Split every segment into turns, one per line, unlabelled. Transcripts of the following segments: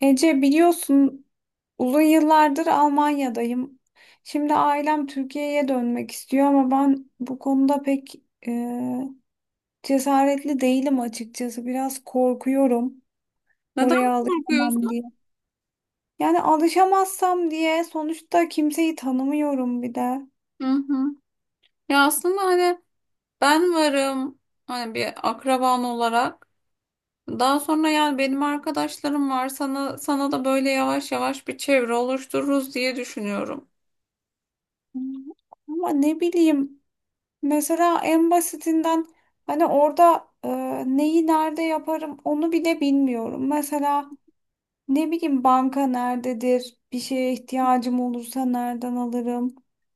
Ece biliyorsun uzun yıllardır Almanya'dayım. Şimdi ailem Türkiye'ye dönmek istiyor ama ben bu konuda pek e, cesaretli değilim açıkçası. Biraz korkuyorum
Neden
oraya alışamam
korkuyorsun?
diye. Yani alışamazsam diye sonuçta kimseyi tanımıyorum bir de.
Hı hı. Ya aslında hani ben varım, hani bir akraban olarak. Daha sonra yani benim arkadaşlarım var. Sana da böyle yavaş yavaş bir çevre oluştururuz diye düşünüyorum.
Ama ne bileyim mesela en basitinden hani orada neyi nerede yaparım onu bile bilmiyorum. Mesela ne bileyim banka nerededir? Bir şeye ihtiyacım olursa nereden alırım?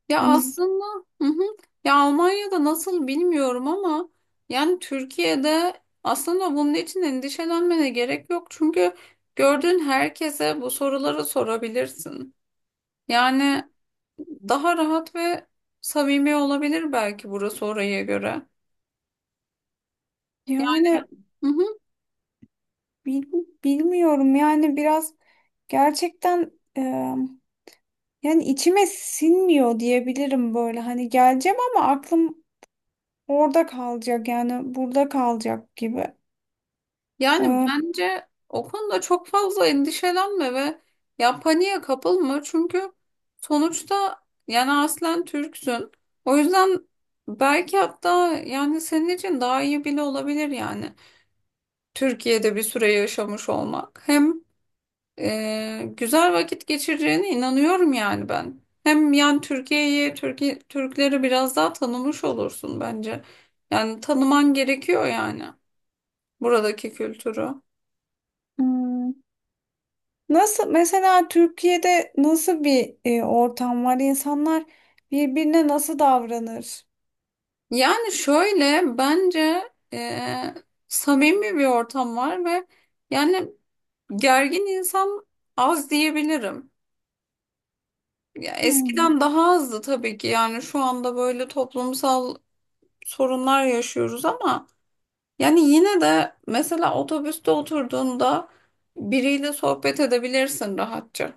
Ya
Hani s-
aslında, hı hı. Ya Almanya'da nasıl bilmiyorum ama yani Türkiye'de aslında bunun için endişelenmene gerek yok. Çünkü gördüğün herkese bu soruları sorabilirsin. Yani daha rahat ve samimi olabilir belki burası oraya göre. Yani,
Yani
hı hı.
bil- bilmiyorum yani biraz gerçekten e, yani içime sinmiyor diyebilirim böyle. Hani geleceğim ama aklım orada kalacak yani burada kalacak gibi.
Yani
E,
bence o konuda çok fazla endişelenme ve ya paniğe kapılma çünkü sonuçta yani aslen Türksün. O yüzden belki hatta yani senin için daha iyi bile olabilir, yani Türkiye'de bir süre yaşamış olmak. Hem güzel vakit geçireceğine inanıyorum yani ben. Hem yani Türkiye'yi, Türkiye, Türkleri biraz daha tanımış olursun bence. Yani tanıman gerekiyor yani buradaki kültürü.
hmm, Nasıl, mesela Türkiye'de nasıl bir ortam var? İnsanlar birbirine nasıl davranır?
Yani şöyle bence samimi bir ortam var ve yani gergin insan az diyebilirim. Ya
Hmm.
eskiden daha azdı tabii ki, yani şu anda böyle toplumsal sorunlar yaşıyoruz ama yani yine de mesela otobüste oturduğunda biriyle sohbet edebilirsin rahatça.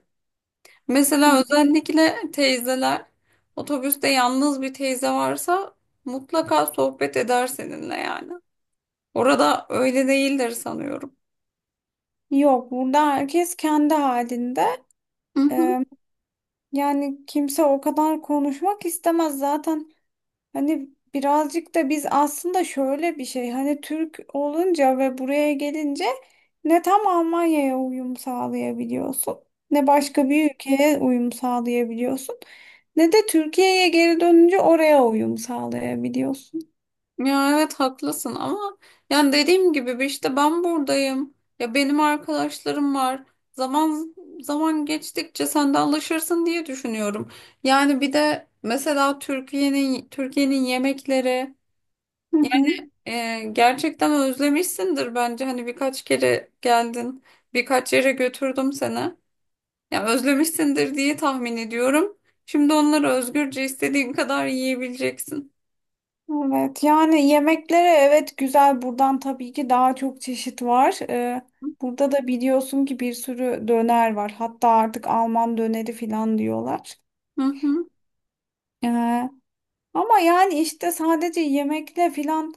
Mesela özellikle teyzeler, otobüste yalnız bir teyze varsa mutlaka sohbet eder seninle yani. Orada öyle değildir sanıyorum.
Yok, burada herkes kendi halinde.
Hı hı.
Ee, Yani kimse o kadar konuşmak istemez zaten. Hani birazcık da biz aslında şöyle bir şey. Hani Türk olunca ve buraya gelince ne tam Almanya'ya uyum sağlayabiliyorsun, ne başka bir ülkeye uyum sağlayabiliyorsun, ne de Türkiye'ye geri dönünce oraya uyum sağlayabiliyorsun.
Ya evet haklısın ama yani dediğim gibi, bir işte ben buradayım. Ya benim arkadaşlarım var. Zaman zaman geçtikçe sen de alışırsın diye düşünüyorum. Yani bir de mesela Türkiye'nin yemekleri
Hı hı.
gerçekten özlemişsindir bence. Hani birkaç kere geldin, birkaç yere götürdüm seni. Ya özlemişsindir diye tahmin ediyorum. Şimdi onları özgürce istediğin kadar yiyebileceksin.
Evet, yani yemeklere, evet, güzel, buradan tabii ki daha çok çeşit var. Burada da biliyorsun ki bir sürü döner var. Hatta artık Alman döneri falan diyorlar.
Hı hı.
Ee, Ama yani işte sadece yemekle falan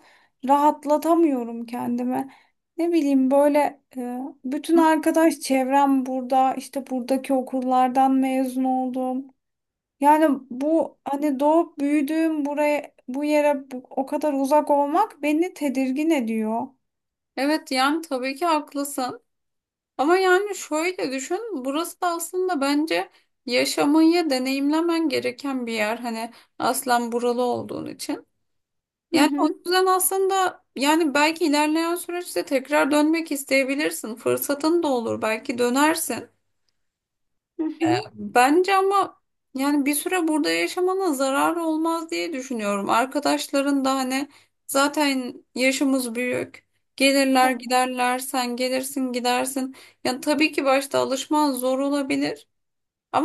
rahatlatamıyorum kendimi. Ne bileyim böyle bütün arkadaş çevrem burada, işte buradaki okullardan mezun oldum. Yani bu hani doğup büyüdüğüm buraya, bu yere, o kadar uzak olmak beni tedirgin ediyor.
Evet yani tabii ki haklısın. Ama yani şöyle düşün, burası da aslında bence yaşamayı deneyimlemen gereken bir yer. Hani aslen buralı olduğun için.
Hı
Yani o
hı,
yüzden aslında, yani belki ilerleyen süreçte tekrar dönmek isteyebilirsin. Fırsatın da olur, belki dönersin.
hı hı.
Bence ama yani bir süre burada yaşamana zarar olmaz diye düşünüyorum. Arkadaşların da hani zaten yaşımız büyük.
E,
Gelirler giderler, sen gelirsin gidersin. Yani tabii ki başta alışman zor olabilir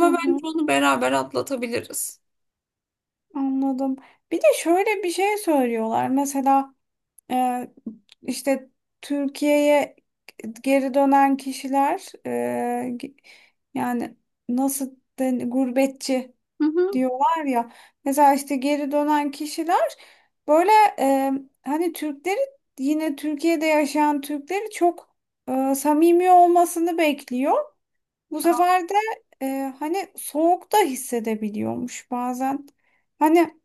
hı
bence
hı.
onu beraber atlatabiliriz.
Anladım. Bir de şöyle bir şey söylüyorlar. Mesela e, işte Türkiye'ye geri dönen kişiler, yani nasıl gurbetçi
Hı hı.
diyorlar ya. Mesela işte geri dönen kişiler böyle e, hani Türkleri, yine Türkiye'de yaşayan Türkleri çok samimi olmasını bekliyor. Bu sefer de e, hani soğukta hissedebiliyormuş bazen. Hani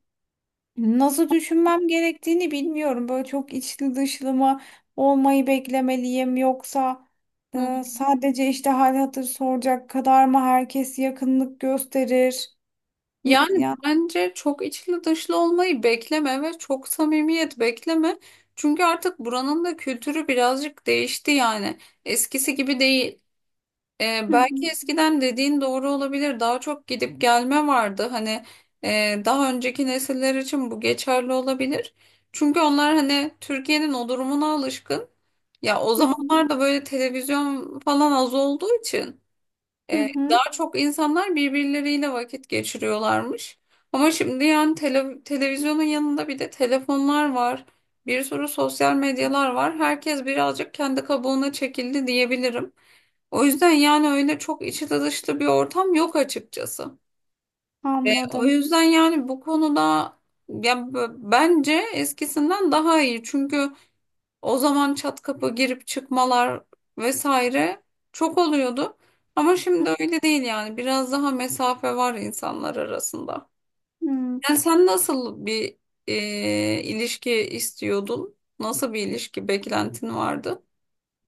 nasıl düşünmem gerektiğini bilmiyorum. Böyle çok içli dışlı mı olmayı beklemeliyim, yoksa
Hı.
sadece işte hal hatır soracak kadar mı herkes yakınlık gösterir? Hı,
Yani
ya.
bence çok içli dışlı olmayı bekleme ve çok samimiyet bekleme. Çünkü artık buranın da kültürü birazcık değişti yani. Eskisi gibi değil.
Hı
Belki
hı.
eskiden dediğin doğru olabilir. Daha çok gidip gelme vardı. Hani daha önceki nesiller için bu geçerli olabilir. Çünkü onlar hani Türkiye'nin o durumuna alışkın. Ya o
Hı hı,
zamanlarda böyle televizyon falan az olduğu için
hı hı.
daha çok insanlar birbirleriyle vakit geçiriyorlarmış. Ama şimdi yani televizyonun yanında bir de telefonlar var. Bir sürü sosyal medyalar var. Herkes birazcık kendi kabuğuna çekildi diyebilirim. O yüzden yani öyle çok içi dışlı bir ortam yok açıkçası. O
Anladım.
yüzden yani bu konuda ya bence eskisinden daha iyi. Çünkü o zaman çat kapı girip çıkmalar vesaire çok oluyordu. Ama şimdi öyle değil yani. Biraz daha mesafe var insanlar arasında.
Hmm.
Yani sen nasıl bir ilişki istiyordun? Nasıl bir ilişki beklentin vardı?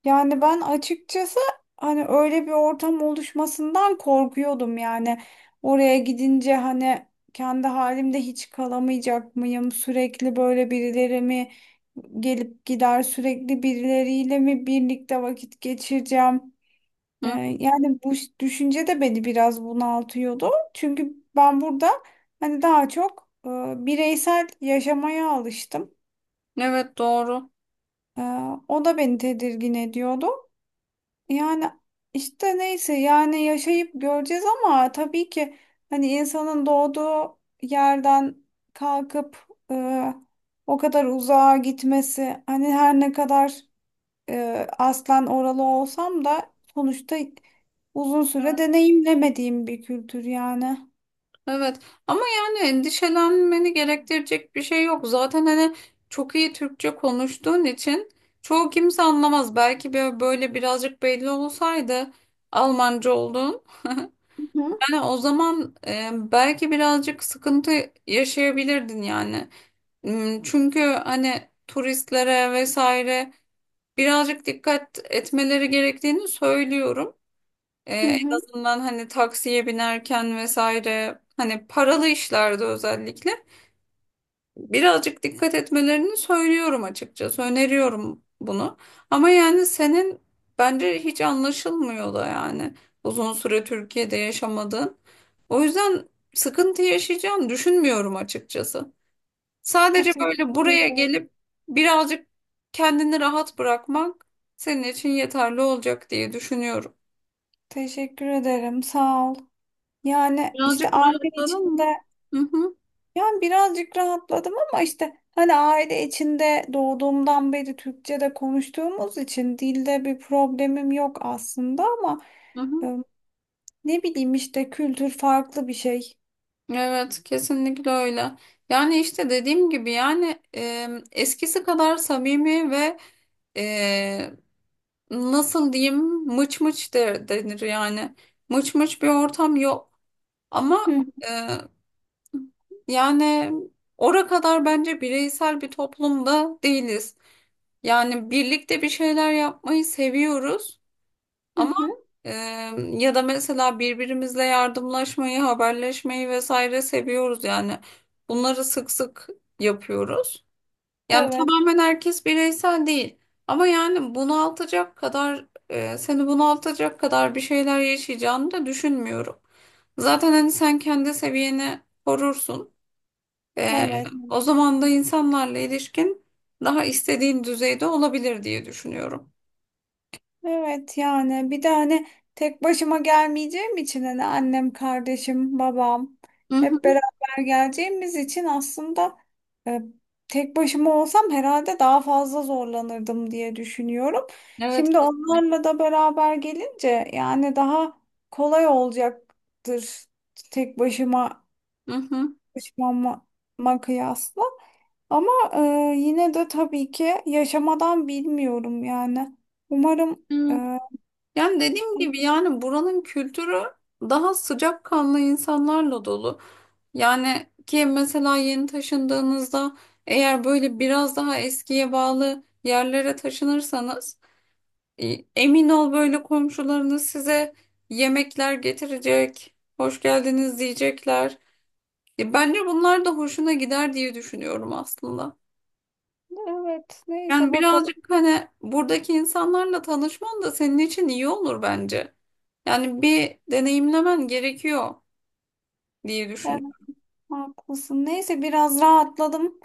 Yani ben açıkçası hani öyle bir ortam oluşmasından korkuyordum yani. Oraya gidince hani kendi halimde hiç kalamayacak mıyım? Sürekli böyle birileri mi gelip gider, sürekli birileriyle mi birlikte vakit geçireceğim? Ee,
Hı?
Yani bu düşünce de beni biraz bunaltıyordu. Çünkü ben burada hani daha çok bireysel yaşamaya alıştım.
Evet doğru.
Ee, O da beni tedirgin ediyordu. Yani işte neyse, yani yaşayıp göreceğiz ama tabii ki hani insanın doğduğu yerden kalkıp o kadar uzağa gitmesi, hani her ne kadar aslen oralı olsam da sonuçta uzun süre deneyimlemediğim bir kültür yani.
Evet ama yani endişelenmeni gerektirecek bir şey yok. Zaten hani çok iyi Türkçe konuştuğun için çoğu kimse anlamaz. Belki böyle birazcık belli olsaydı Almanca olduğun.
Hı hı.
Yani o zaman belki birazcık sıkıntı yaşayabilirdin yani. Hmm. Çünkü hani turistlere vesaire birazcık dikkat etmeleri gerektiğini söylüyorum. En
Hı.
azından hani taksiye binerken vesaire, hani paralı işlerde özellikle birazcık dikkat etmelerini söylüyorum açıkçası. Öneriyorum bunu. Ama yani senin bence hiç anlaşılmıyor da yani uzun süre Türkiye'de yaşamadığın. O yüzden sıkıntı yaşayacağını düşünmüyorum açıkçası.
Ya,
Sadece böyle
teşekkür
buraya
ederim.
gelip birazcık kendini rahat bırakmak senin için yeterli olacak diye düşünüyorum.
Teşekkür ederim. Sağ ol. Yani işte
Birazcık
aile
rahatladın mı?
içinde.
Hı hı,
Yani birazcık rahatladım ama işte hani aile içinde doğduğumdan beri Türkçe'de konuştuğumuz için dilde bir problemim yok aslında ama
hı hı.
e, ne bileyim, işte kültür farklı bir şey.
Evet, kesinlikle öyle. Yani işte dediğim gibi yani, eskisi kadar samimi ve e, nasıl diyeyim, mıç mıç denir yani. Mıç mıç bir ortam yok. Ama
Hı
e, yani ora kadar bence bireysel bir toplumda değiliz. Yani birlikte bir şeyler yapmayı seviyoruz.
hı. Hı.
Ee, Ya da mesela birbirimizle yardımlaşmayı, haberleşmeyi vesaire seviyoruz yani. Bunları sık sık yapıyoruz. Yani
Evet,
tamamen herkes bireysel değil. Ama yani bunaltacak kadar, seni bunaltacak kadar bir şeyler yaşayacağını da düşünmüyorum. Zaten hani sen kendi seviyeni korursun. Ee,
evet.
O zaman da insanlarla ilişkin daha istediğin düzeyde olabilir diye düşünüyorum.
Evet yani, bir de hani tek başıma gelmeyeceğim için, hani annem, kardeşim, babam
Hı
hep
hı.
beraber geleceğimiz için aslında e, tek başıma olsam herhalde daha fazla zorlanırdım diye düşünüyorum.
Evet
Şimdi
kesinlikle.
onlarla da beraber gelince yani daha kolay olacaktır, tek başıma
Hı
başıma kıyasla. Ama yine de tabii ki yaşamadan bilmiyorum yani. Umarım
hı.
e,
Yani dediğim gibi yani buranın kültürü daha sıcakkanlı insanlarla dolu. Yani ki mesela yeni taşındığınızda, eğer böyle biraz daha eskiye bağlı yerlere taşınırsanız emin ol böyle komşularınız size yemekler getirecek, hoş geldiniz diyecekler. Bence bunlar da hoşuna gider diye düşünüyorum aslında.
Evet, neyse
Yani birazcık
bakalım.
hani buradaki insanlarla tanışman da senin için iyi olur bence. Yani bir deneyimlemen gerekiyor diye
Evet,
düşünüyorum.
haklısın. Neyse biraz rahatladım.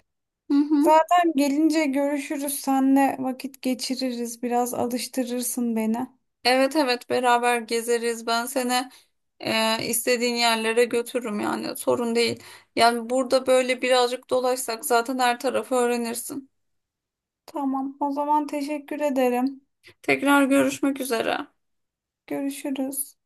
Hı hı.
Zaten gelince görüşürüz. Senle vakit geçiririz. Biraz alıştırırsın beni.
Evet evet beraber gezeriz. Ben seni istediğin yerlere götürürüm yani, sorun değil. Yani burada böyle birazcık dolaşsak zaten her tarafı öğrenirsin.
Tamam, o zaman teşekkür ederim.
Tekrar görüşmek üzere.
Görüşürüz.